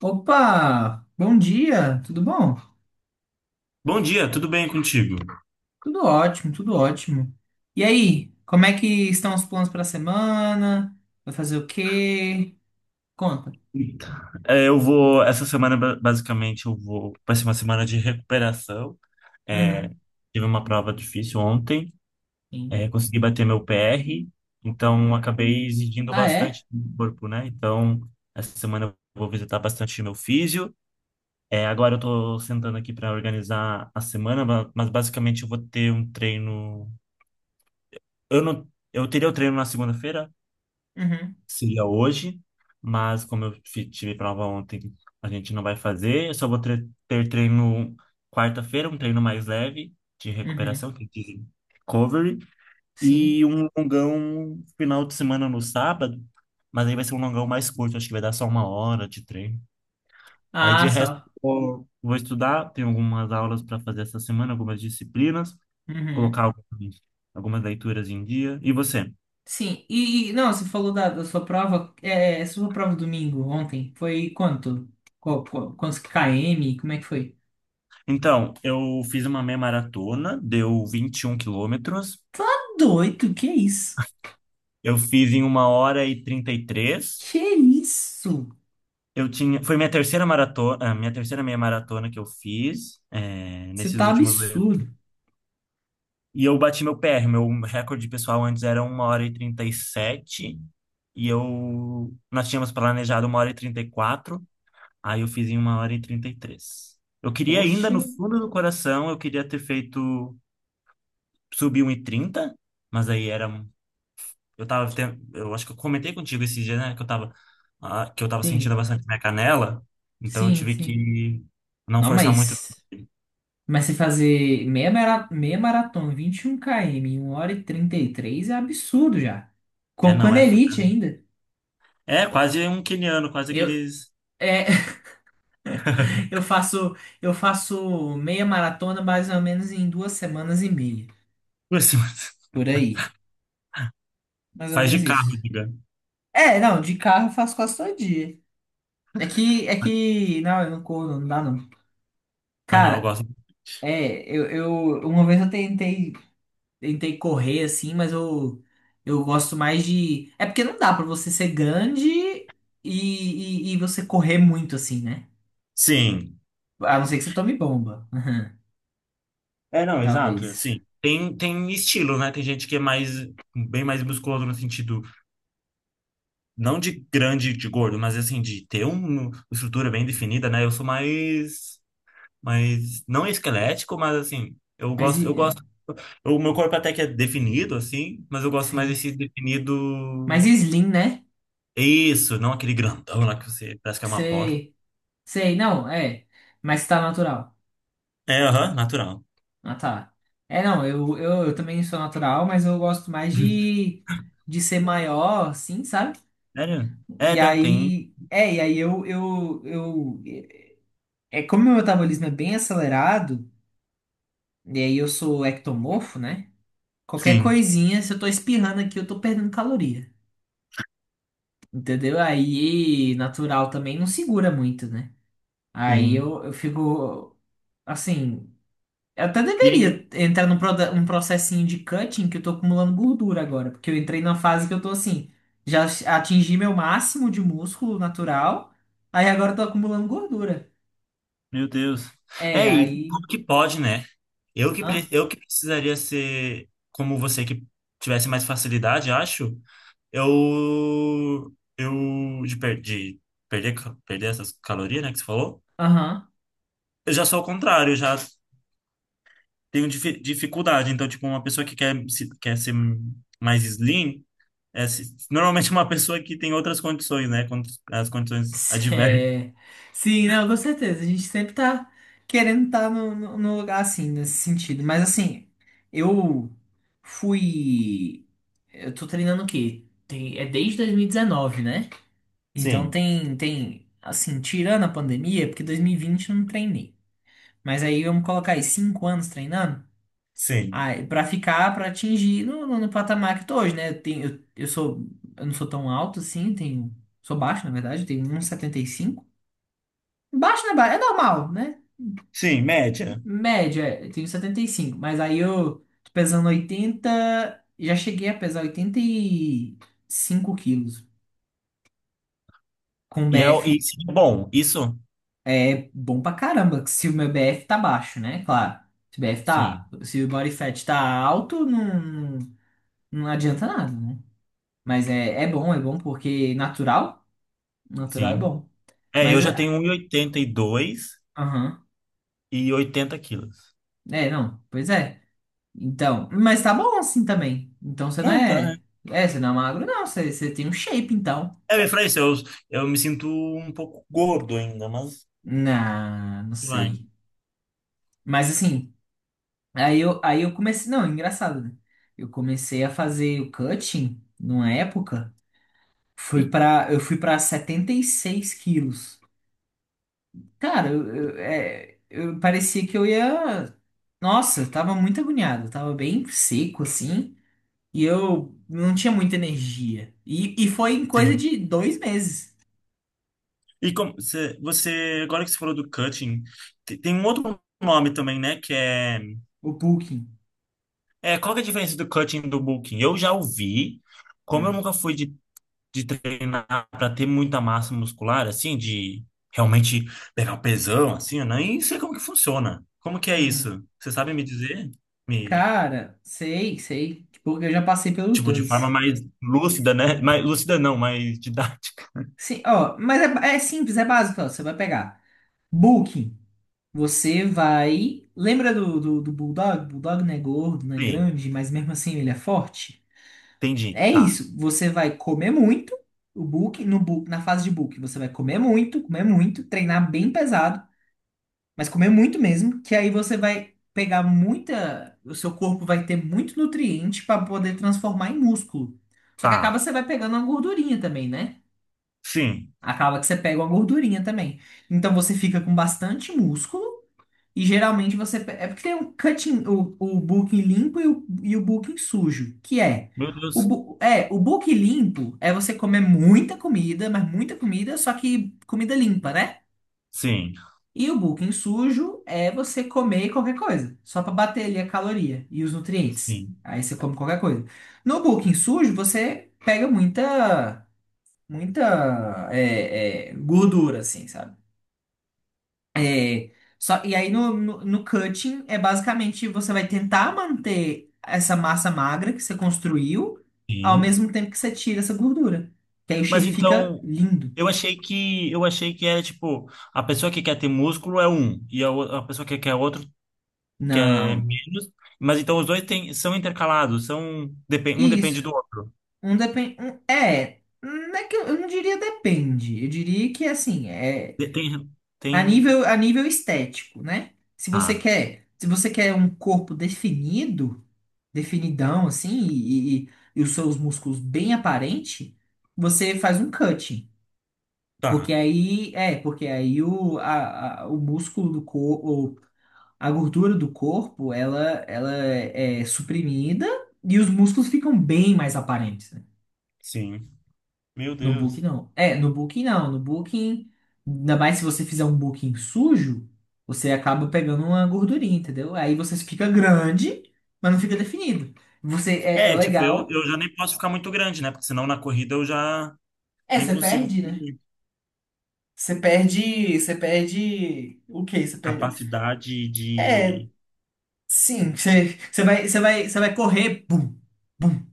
Opa, bom dia, tudo bom? Bom dia, tudo bem contigo? Tudo ótimo, tudo ótimo. E aí, como é que estão os planos para a semana? Vai fazer o quê? Conta. Então, essa semana basicamente vai ser uma semana de recuperação. É, Uhum, tive uma prova difícil ontem, sim. Consegui bater meu PR, então acabei exigindo Ah, é? bastante do corpo, né? Então, essa semana eu vou visitar bastante meu físio. Agora eu tô sentando aqui para organizar a semana, mas basicamente eu vou ter um treino. Eu não, eu teria o treino na segunda-feira, Uhum, seria hoje, mas como tive prova ontem, a gente não vai fazer. Eu só vou ter treino quarta-feira, um treino mais leve de uhum, recuperação, que dizem recovery, sim. e um longão final de semana no sábado, mas aí vai ser um longão mais curto, acho que vai dar só 1 hora de treino. Aí Ah, de resto, só. vou estudar, tenho algumas aulas para fazer essa semana, algumas disciplinas, Uhum. colocar algumas leituras em dia. E você? Sim, não, você falou da sua prova, sua prova domingo, ontem, foi quanto? Quantos km? Como é que foi? Então, eu fiz uma meia maratona, deu 21 quilômetros. Tá doido, que isso? Eu fiz em 1h33. Que isso? Foi minha terceira maratona, a minha terceira meia maratona que eu fiz, Você nesses tá últimos dois. absurdo. E eu bati meu PR, meu recorde pessoal antes era 1h37, nós tínhamos planejado 1h34. Aí eu fiz em 1h33. Eu queria ainda, Poxa. no fundo do coração, eu queria ter feito, subir 1h30, mas aí era... Eu acho que eu comentei contigo esse dia, né, que eu tava sentindo Sim, bastante minha canela, então eu sim, tive sim. que não Não, forçar muito. mas se fazer meia maratona, 21 km, 1h33 é absurdo já. É, Com não, elite ainda. é quase um quiniano, quase Eu, aqueles, é, eu faço, eu faço meia maratona mais ou menos em 2 semanas e meia. Por aí. Mais ou faz menos de isso. carro, diga. É, não, de carro eu faço quase todo dia. Não, eu não corro, não dá não. Ah, não, eu Cara, gosto. é, eu, eu, uma vez eu tentei. Tentei correr assim, mas eu gosto mais de. É porque não dá pra você ser grande e você correr muito assim, né? Sim. A não ser que você tome bomba, né? Não, exato, Talvez. assim. Tem estilo, né? Tem gente que é mais, bem mais musculoso no sentido, não de grande, de gordo, mas assim, de ter uma estrutura bem definida, né? Eu sou mais, não esquelético, mas assim, eu Mas gosto, eu gosto O meu corpo até que é definido, assim, mas eu gosto mais sim. desse definido. Mas e slim, né? Isso, não aquele grandão lá que você parece que é uma porta. Sei, sei, não, é. Mas tá natural. É, aham, natural. Ah, tá. É, não, eu também sou natural, mas eu gosto mais de ser maior, assim, sabe? Sério? É, E tem. aí. É, e aí eu. É como meu metabolismo é bem acelerado. E aí eu sou ectomorfo, né? Qualquer Sim, coisinha, se eu tô espirrando aqui, eu tô perdendo caloria. Entendeu? Aí natural também não segura muito, né? Aí sim. eu fico assim. Eu até E aí, deveria entrar um processinho de cutting que eu tô acumulando gordura agora. Porque eu entrei na fase que eu tô assim. Já atingi meu máximo de músculo natural. Aí agora eu tô acumulando gordura. meu Deus. É, E aí. como que pode, né? Eu que, Hã? pre- eu que precisaria ser como você que tivesse mais facilidade, acho. De perder essas calorias, né, que você falou. Aham. Eu já sou o contrário, eu já tenho dificuldade. Então, tipo, uma pessoa que quer, se- quer ser mais slim, normalmente uma pessoa que tem outras condições, né? Quando as condições adversas. É. Sim, não, com certeza. A gente sempre tá querendo estar no lugar assim, nesse sentido. Mas assim, eu fui. Eu tô treinando o quê? É desde 2019, né? Então Sim, assim, tirando a pandemia, porque 2020 eu não treinei. Mas aí vamos colocar aí 5 anos treinando, sim. aí, pra atingir no patamar que eu tô hoje, né? Eu, tenho, eu sou, Eu não sou tão alto assim, sou baixo, na verdade, eu tenho 1,75 m. Baixo não é baixo, é normal, né? Sim, média. Média, eu tenho 75, mas aí eu tô pesando oitenta. Já cheguei a pesar 85 quilos. Com E é BF o- e seria bom, isso? é bom pra caramba, se o meu BF tá baixo, né? Claro. Se o BF Sim, tá, Se o body fat tá alto, não, não adianta nada, né? Mas é bom porque natural é sim. bom. Eu Mas, já tenho 1,82 aham. e 80 quilos. É, não, pois é. Então, mas tá bom assim também. Então você não Não, tá, né? é. É, você não é magro, não. Você tem um shape, então. Eu falei isso, eu me sinto um pouco gordo ainda, mas Não, não vai. sei. Mas assim, aí eu comecei. Não, engraçado, né? Eu comecei a fazer o cutting numa época. Eu fui pra 76 quilos. Cara, eu parecia que eu ia. Nossa, eu tava muito agoniado. Eu tava bem seco, assim. E eu não tinha muita energia. E foi em coisa Sim. de 2 meses. E como agora que você falou do cutting, tem um outro nome também, né? Que é, O Booking. é qual que é a diferença do cutting e do booking. Eu já ouvi, como eu Hum, nunca fui de treinar para ter muita massa muscular, assim, de realmente pegar um pesão, assim, eu nem sei como que funciona. Como que é uhum. isso? Você sabe me dizer? Me, Cara, sei, sei. Tipo, eu já passei pelos tipo, de forma dois. mais lúcida, né? Mais lúcida não, mais didática. Sim, ó, mas é simples, é básico, ó. Você vai pegar Booking. Você vai. Lembra do Bulldog? Bulldog não é gordo, não é Sim, grande, mas mesmo assim ele é forte. entendi. É Tá, isso. Você vai comer muito. O Booking, no, bu- na fase de Booking, você vai comer muito, treinar bem pesado. Mas comer muito mesmo, que aí você vai pegar muita. O seu corpo vai ter muito nutriente para poder transformar em músculo. Só que acaba tá. você vai pegando uma gordurinha também, né? Sim. Acaba que você pega uma gordurinha também. Então você fica com bastante músculo e geralmente você. É porque tem um cutting, o bulking limpo e e o bulking sujo, que é. Meu Deus. O bulking limpo é você comer muita comida, mas muita comida, só que comida limpa, né? Sim, E o bulking sujo é você comer qualquer coisa, só para bater ali a caloria e os nutrientes. sim. Aí você come qualquer coisa. No bulking sujo, você pega muita, muita gordura, assim, sabe? É, só, e aí no cutting, é basicamente você vai tentar manter essa massa magra que você construiu, ao Sim. mesmo tempo que você tira essa gordura. Que aí o shape Mas fica então, lindo. eu achei que era tipo, a pessoa que quer ter músculo é um, a pessoa que quer outro quer Não. menos, mas então os dois têm são intercalados, um depende Isso. do outro. Um depende. Não é que eu não diria depende. Eu diria que assim, é De- Tem tem a nível estético, né? Se você ah, quer, se você quer um corpo definido, definidão, assim, e os seus músculos bem aparente, você faz um cutting. Porque tá. aí, porque aí o músculo do corpo, a gordura do corpo, ela é suprimida e os músculos ficam bem mais aparentes. Sim. Meu No Booking Deus. não. É, no Booking não. No Booking, ainda mais se você fizer um Booking sujo, você acaba pegando uma gordurinha, entendeu? Aí você fica grande, mas não fica definido. Você é Tipo, eu, legal. eu já nem posso ficar muito grande, né? Porque senão na corrida eu já É, nem você consigo perde, né? fazer Você perde o quê? Você perde. capacidade É, de... sim, você vai correr, bum, bum.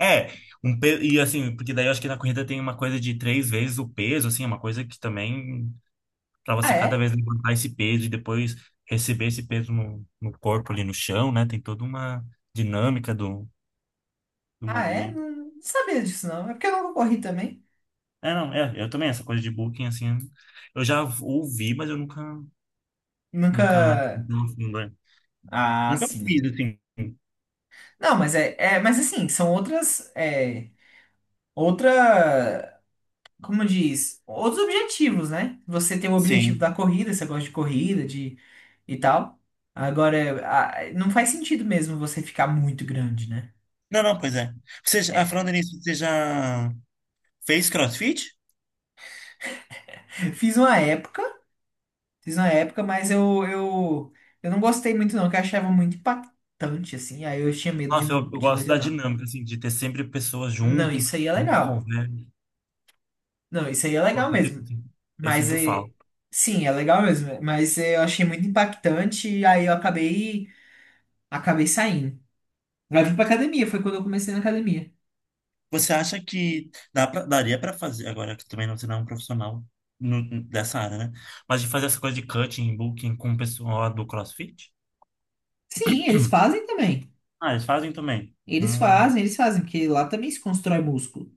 É, e assim, porque daí eu acho que na corrida tem uma coisa de 3 vezes o peso, assim, é uma coisa que também para Ah, você cada é? vez levantar esse peso e depois receber esse peso no corpo ali no chão, né? Tem toda uma dinâmica do Ah, é? movimento. Não, não sabia disso não. É porque eu nunca corri também. Não, eu também, essa coisa de booking, assim, eu já ouvi, mas eu nunca, Nunca. nunca, Ah, nunca fiz, sim. assim, Não, mas mas assim, são outras. Outra, como diz, outros objetivos, né? Você tem o objetivo sim. da corrida, você gosta de corrida, de e tal. Agora, não faz sentido mesmo você ficar muito grande, né? Não, não, pois é. Falando nisso, você já fez CrossFit? Fiz uma época, Fiz uma época, mas eu não gostei muito não, que eu achava muito impactante, assim, aí eu tinha medo de, Nossa, eu de gosto da lesionar. dinâmica, assim, de ter sempre pessoas Não, junto, isso aí é de legal. conversa. Não, isso aí é Nossa, legal mesmo. Eu Mas, sinto falta. sim, é legal mesmo, mas eu achei muito impactante e aí eu acabei saindo. Vai vir pra academia, foi quando eu comecei na academia. Você acha que daria para fazer, agora que também não, você não é um profissional dessa área, né? Mas de fazer essa coisa de cutting, booking com o pessoal do CrossFit? Sim, eles fazem também. Ah, eles fazem também. Ah, Eles fazem, porque lá também se constrói músculo.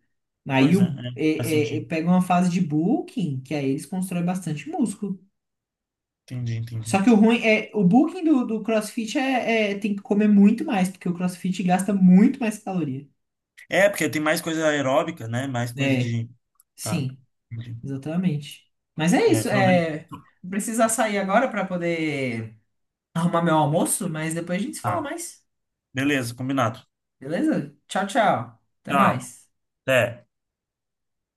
Aí pois é, o, é, faz é- é- é- sentido. pega uma fase de bulking, que aí eles constroem bastante músculo. Entendi, entendi. Só que o ruim é, o bulking do CrossFit tem que comer muito mais, porque o CrossFit gasta muito mais caloria. É, porque tem mais coisa aeróbica, né? Mais coisa É, de. Tá. sim, Entendi. exatamente. Mas é É, isso, falando de. Vou precisar sair agora para poder arrumar meu almoço, mas depois a gente se fala Tá. mais, Beleza, combinado. beleza? Tchau, tchau. Até Tchau. mais. Até.